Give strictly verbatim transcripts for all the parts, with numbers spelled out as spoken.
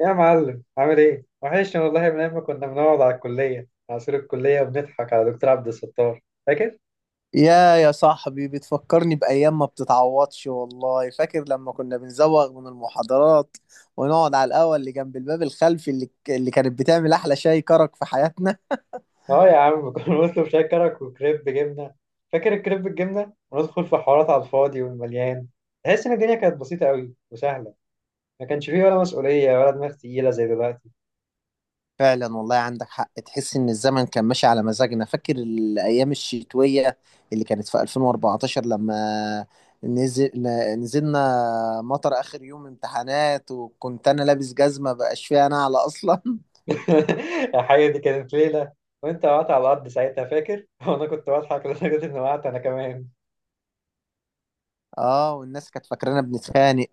يا معلم عامل ايه؟ وحشني والله من ايام ما كنا بنقعد على الكلية على سور الكلية وبنضحك على دكتور عبد الستار. فاكر؟ يا يا صاحبي، بتفكرني بأيام ما بتتعوضش. والله فاكر لما كنا بنزوغ من المحاضرات ونقعد على القهوة اللي جنب الباب الخلفي، اللي اللي كانت بتعمل أحلى شاي كرك في حياتنا. اه يا عم، كنا بنطلب شاي كرك وكريب جبنة. فاكر الكريب بالجبنة؟ وندخل في حوارات على الفاضي والمليان. تحس ان الدنيا كانت بسيطة قوي وسهلة. ما كانش فيه ولا مسؤولية ولا دماغ تقيلة زي دلوقتي. فعلا، والله عندك حق، تحس إن الزمن كان ماشي على مزاجنا. فاكر الأيام الشتوية اللي كانت في ألفين وأربعة عشر لما نزل ن- نزلنا مطر آخر يوم امتحانات، وكنت أنا لابس جزمة بقاش فيها نعلة أصلا يا حقيقة دي كانت ليلة. وانت وقعت على الأرض ساعتها فاكر؟ وانا كنت بضحك لدرجة اني وقعت انا كمان. اه، والناس كانت فاكرانا بنتخانق.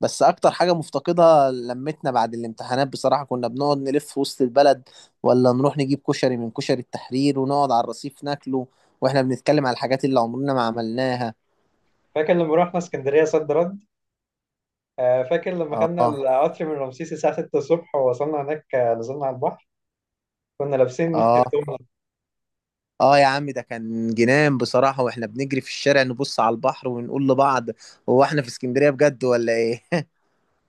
بس اكتر حاجة مفتقدها لمتنا بعد الامتحانات، بصراحة كنا بنقعد نلف في وسط البلد، ولا نروح نجيب كشري من كشري التحرير ونقعد على الرصيف ناكله واحنا بنتكلم على الحاجات اللي عمرنا ما عملناها. فاكر لما رحنا اسكندرية صد رد؟ آه، فاكر لما خدنا اه، القطر من رمسيس الساعة ستة الصبح ووصلنا هناك. آه، نزلنا على البحر. كنا لابسين اه، هدوم. اه يا عم، ده كان جنان بصراحة، واحنا بنجري في الشارع نبص على البحر ونقول لبعض: هو احنا في اسكندرية بجد ولا ايه؟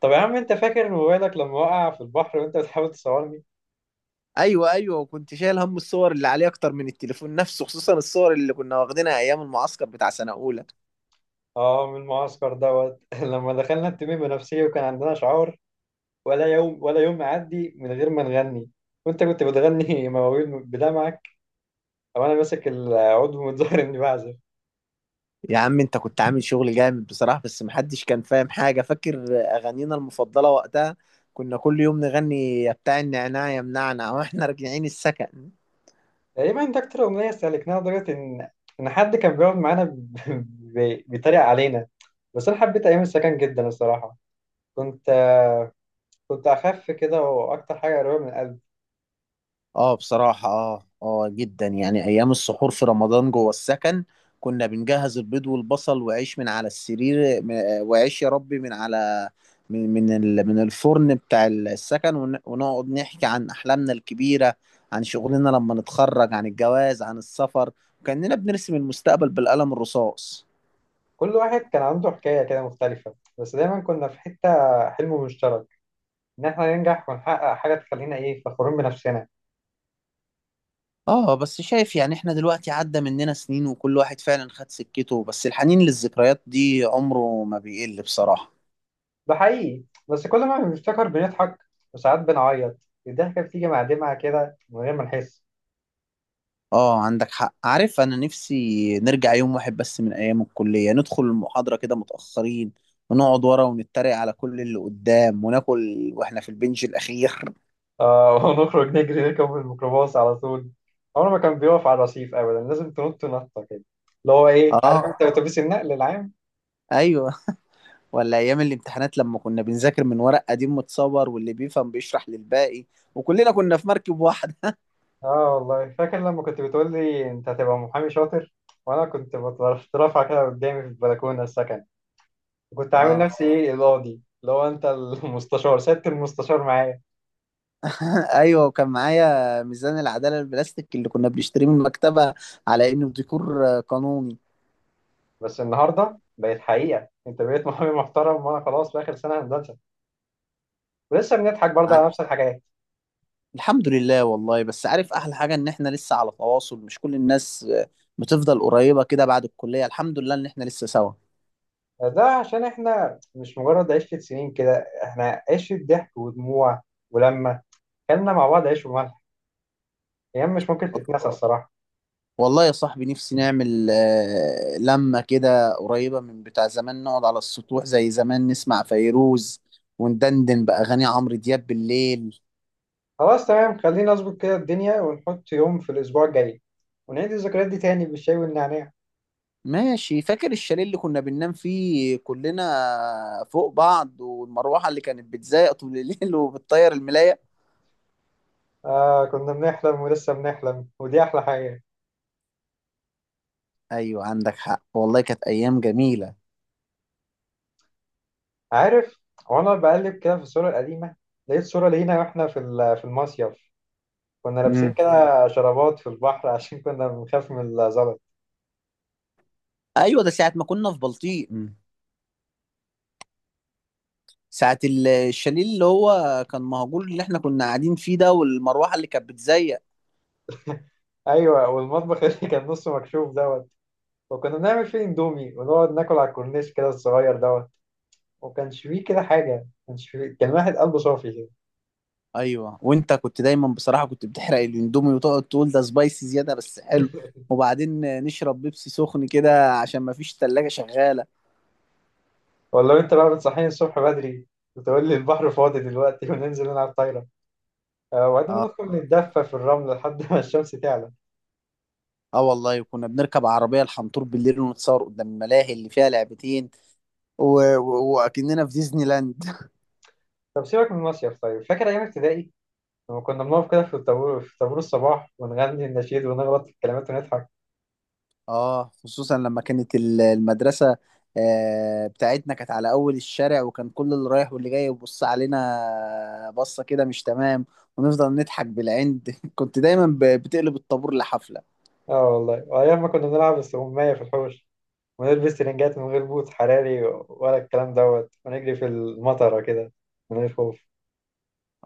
طب يا عم انت فاكر موبايلك لما وقع في البحر وانت بتحاول تصورني؟ ايوه، ايوه، وكنت شايل هم الصور اللي عليه اكتر من التليفون نفسه، خصوصا الصور اللي كنا واخدينها ايام المعسكر بتاع سنة اولى. اه، من المعسكر دوت. لما دخلنا التميم بنفسية وكان عندنا شعار، ولا يوم ولا يوم يعدي من غير ما نغني. وانت كنت بتغني مواويل بدمعك، او انا ماسك العود ومتظاهر اني بعزف. يا عم انت كنت عامل شغل جامد بصراحة، بس محدش كان فاهم حاجة. فاكر أغانينا المفضلة وقتها؟ كنا كل يوم نغني يا بتاع النعناع يا منعنع واحنا راجعين السكن. تقريبا ده اكتر اغنية استهلكناها لدرجة ان ان حد كان بيقعد معانا ب- ب- بيتريق علينا. بس انا حبيت ايام السكن جدا الصراحة. كنت كنت أخف كده، وأكتر حاجة قريبة من القلب. اه بصراحة، اه، اه جدا. يعني ايام السحور في رمضان جوه السكن كنا بنجهز البيض والبصل وعيش من على السرير، م- وعيش يا ربي من على من من ال- من الفرن بتاع السكن، ون- ونقعد نحكي عن احلامنا الكبيرة، عن شغلنا لما نتخرج، عن الجواز، عن السفر. كأننا بنرسم المستقبل بالقلم الرصاص. كل واحد كان عنده حكاية كده مختلفة، بس دايما كنا في حتة، حلم مشترك، إن إحنا ننجح ونحقق حاجة تخلينا إيه فخورين بنفسنا. اه، بس شايف يعني احنا دلوقتي عدى مننا سنين، وكل واحد فعلا خد سكته، بس الحنين للذكريات دي عمره ما بيقل بصراحة. ده حقيقي، بس كل ما بنفتكر بنضحك وساعات بنعيط. الضحكة بتيجي مع دمعة كده من غير ما نحس. اه، عندك حق. عارف، انا نفسي نرجع يوم واحد بس من ايام الكلية، ندخل المحاضرة كده متأخرين، ونقعد ورا ونتريق على كل اللي قدام، وناكل واحنا في البنج الاخير. آه، ونخرج نجري نركب الميكروباص على طول. عمره ما كان بيقف على الرصيف أبدا، لازم تنط نطة كده. اللي هو إيه، عارف أنت، اه، أتوبيس النقل العام. ايوه، ولا ايام الامتحانات لما كنا بنذاكر من ورق قديم متصور، واللي بيفهم بيشرح للباقي، وكلنا كنا في مركب واحدة. اه والله فاكر لما كنت بتقول لي انت هتبقى محامي شاطر، وانا كنت بترفع كده قدامي في البلكونه السكن. وكنت عامل اه نفسي ايه القاضي، اللي هو انت المستشار، سيادة المستشار معايا. ايوه، وكان معايا ميزان العدالة البلاستيك اللي كنا بنشتريه من المكتبة على انه ديكور قانوني. بس النهارده بقت حقيقه، انت بقيت محامي محترم، وانا خلاص في اخر سنه هندسه. ولسه بنضحك برضه على نفس الحاجات. الحمد لله والله. بس عارف احلى حاجه ان احنا لسه على تواصل؟ مش كل الناس آه، بتفضل قريبه كده بعد الكليه. الحمد لله ان احنا لسه سوا. ده عشان احنا مش مجرد عشره سنين كده، احنا عشره ضحك ودموع. ولما كلنا مع بعض عيش وملح، ايام مش ممكن تتنسى الصراحه. والله يا صاحبي، نفسي نعمل آه، لمة كده قريبة من بتاع زمان، نقعد على السطوح زي زمان، نسمع فيروز وندندن بأغاني عمرو دياب بالليل. خلاص تمام، خلينا نظبط كده الدنيا ونحط يوم في الأسبوع الجاي، ونعيد الذكريات دي تاني بالشاي والنعناع. ماشي. فاكر الشاليه اللي كنا بننام فيه كلنا فوق بعض، والمروحة اللي كانت بتزايق طول الليل وبتطير الملاية؟ آه كنا بنحلم، ولسه بنحلم، ودي أحلى حاجة. أيوة عندك حق، والله كانت أيام جميلة. عارف، وأنا بقلب كده في الصورة القديمة لقيت صورة لينا وإحنا في ال- في المصيف. كنا لابسين كده شرابات في البحر عشان كنا بنخاف من الزلط. ايوه، ده ساعه ما كنا في بلطيق، ساعه ال- الشاليه اللي هو كان مهجور اللي احنا كنا قاعدين فيه ده، والمروحه اللي كانت بتزيق. أيوة، والمطبخ اللي كان نصه مكشوف دوت، وكنا بنعمل فيه إندومي ونقعد ناكل على الكورنيش كده الصغير دوت. وكانش فيه كده حاجة، كانش فيه كان واحد قلبه صافي كده. ايوه، وانت كنت دايما بصراحه كنت بتحرق الاندومي، وتقعد تقول ده سبايسي زياده بس حلو، وبعدين نشرب بيبسي سخن كده عشان ما فيش تلاجة شغاله. ولا انت بقى بتصحيني الصبح بدري، وتقول لي البحر فاضي دلوقتي وننزل نلعب طايره. آه، وبعدين اه، ندخل نتدفى في الرمل لحد ما الشمس تعلى. اه والله كنا بنركب عربيه الحنطور بالليل ونتصور قدام الملاهي اللي فيها لعبتين، و... و... واكننا في ديزني لاند. طب سيبك من المصيف، طيب فاكر ايام ابتدائي؟ لما كنا بنقف كده في الطابور، في طابور الصباح ونغني النشيد ونغلط في الكلمات ونضحك. اه، خصوصا لما كانت ال- المدرسة آه، بتاعتنا كانت على أول الشارع، وكان كل اللي رايح واللي جاي يبص علينا بصة كده مش تمام، ونفضل نضحك بالعند كنت دايما ب- بتقلب الطابور لحفلة. اه والله، وايام ما كنا بنلعب استغمايه في الحوش، ونلبس ترنجات من غير بوت حراري ولا الكلام دوت، ونجري في المطره كده من غير خوف.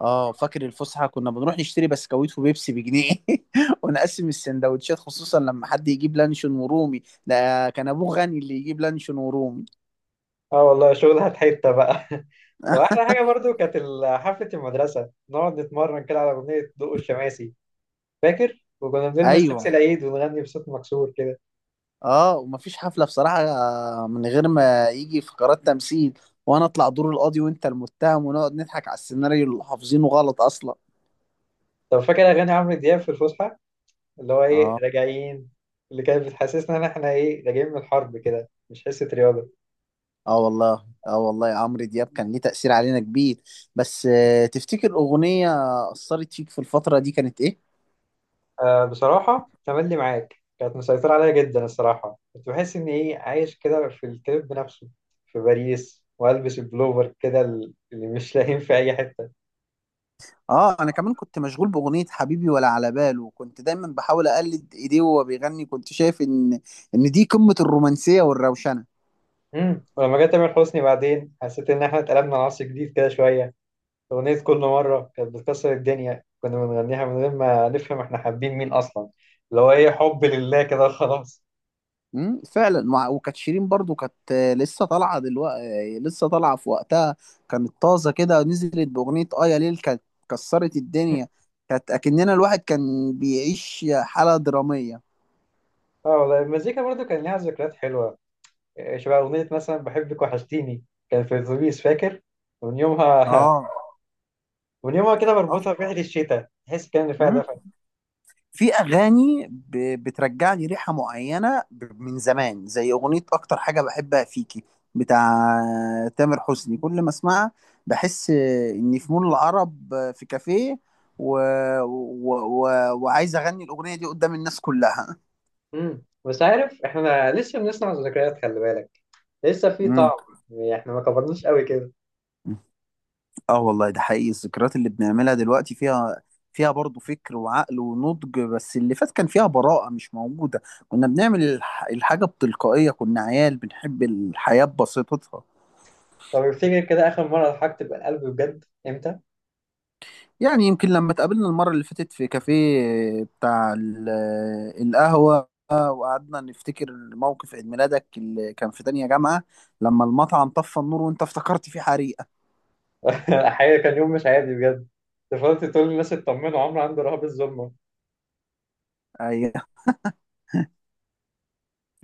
اه، فاكر الفسحة كنا بنروح نشتري بسكويت وبيبسي بجنيه ونقسم السندوتشات، خصوصا لما حد يجيب لانشون ورومي، ده كان أبوه غني اللي يجيب لانشون ورومي. اه والله شغلها في حته بقى. واحلى حاجه برضو كانت ال- حفله المدرسه، نقعد نتمرن كده على اغنيه ضوء الشماسي. فاكر؟ وكنا بنلبس لبس أيوه، العيد ونغني بصوت مكسور كده. اه، ومفيش حفلة بصراحة من غير ما يجي فقرات تمثيل، وانا اطلع دور القاضي وانت المتهم، ونقعد نضحك على السيناريو اللي حافظينه غلط اصلا. طب فاكر اغاني عمرو دياب في الفسحه، اللي هو ايه اه، راجعين؟ اللي كانت بتحسسنا ان احنا ايه راجعين من الحرب كده، مش حصه رياضه. اه والله، اه والله، عمرو دياب كان ليه تأثير علينا كبير. بس آه، تفتكر أغنية أثرت فيك في الفترة دي كانت ايه؟ آه بصراحه، تملي معاك كانت مسيطره عليا جدا الصراحه. كنت بحس ان ايه عايش كده في الكليب بنفسه، في باريس والبس البلوفر كده اللي مش لاقيين في اي حته. اه، انا كمان كنت مشغول بأغنية حبيبي ولا على باله، وكنت دايما بحاول اقلد ايديه وهو بيغني، كنت شايف ان ان دي قمة الرومانسية والروشنة. امم ولما جه تامر حسني بعدين حسيت ان احنا اتقلبنا عصر جديد كده شويه. اغنيه كل مره كانت بتكسر الدنيا، كنا بنغنيها من غير ما نفهم احنا حابين مين اصلا، اللي هو ايه حب لله كده خلاص. امم فعلا. وع- وكانت شيرين برضو كانت آه، لسه طالعه دلوقتي، لسه طالعه في وقتها، كانت طازه كده. نزلت باغنيه اه يا ليل، كانت كسرت الدنيا. كانت اكننا الواحد كان بيعيش حاله دراميه. اه والله، المزيكا برضو كان ليها ذكريات حلوه. إيه، شبه اغنيه مثلا بحبك وحشتيني، كان في الاتوبيس فاكر؟ ومن يومها اه، ومن يومها كده بربطها بريحه الشتاء، تحس كان اللي فيها اه، دفى. في اغاني ب- بترجع لي ريحه معينه ب- من زمان، زي اغنيه اكتر حاجه بحبها فيكي بتاع تامر حسني. كل ما اسمعها بحس اني في مول العرب، في كافيه، و... و... و... وعايز اغني الاغنيه دي قدام الناس كلها. امم بس عارف، احنا لسه بنصنع ذكريات، خلي بالك لسه في مم. طعم. يعني احنا ما كبرناش قوي كده. اه والله، ده حقيقي. الذكريات اللي بنعملها دلوقتي فيها فيها برضه فكر وعقل ونضج، بس اللي فات كان فيها براءة مش موجودة. كنا بنعمل الح- الحاجة بتلقائية، كنا عيال بنحب الحياة ببساطتها. طب افتكر كده آخر مرة ضحكت بالقلب بجد إمتى؟ يعني يمكن لما اتقابلنا المرة اللي فاتت في كافيه بتاع ال- القهوة، وقعدنا نفتكر موقف عيد ميلادك اللي كان في تانية جامعة، لما المطعم طفى النور وانت افتكرت فيه حريقة. الحقيقة كان يوم مش عادي بجد. أنت فضلت تقول للناس اطمنوا، عمرو عنده رهاب الظلمة. ايوه،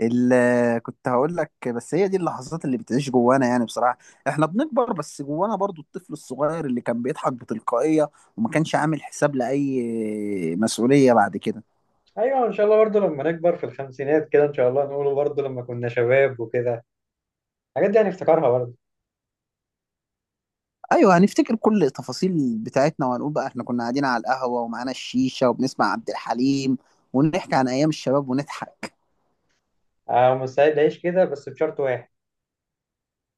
ال- كنت هقول لك، بس هي دي اللحظات اللي بتعيش جوانا، يعني بصراحة احنا بنكبر، بس جوانا برضو الطفل الصغير اللي كان بيضحك بتلقائية وما كانش عامل حساب لأي مسؤولية بعد كده. أيوة، إن شاء الله برضه لما نكبر في الخمسينات كده، إن شاء الله نقوله برضه لما كنا شباب وكده الحاجات دي هنفتكرها برضه. ايوه، هنفتكر كل التفاصيل بتاعتنا، وهنقول بقى احنا كنا قاعدين على القهوه ومعانا الشيشه، وبنسمع عبد الحليم، ونحكي عن ايام الشباب ونضحك. أنا مستعد أعيش كده بس بشرط واحد،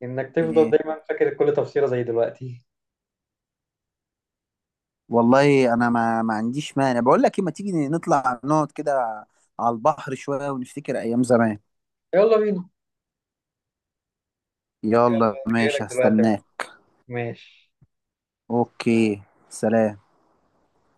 إنك تفضل ايه، دايما فاكر كل تفصيلة زي دلوقتي. والله انا ما ما عنديش مانع. بقول لك ايه، ما تيجي نطلع نقعد كده على البحر شويه ونفتكر ايام زمان؟ يلا بينا، يلا، يلا أنا ماشي، جايلك دلوقتي أهو. هستناك. ماشي. اوكي. سلام.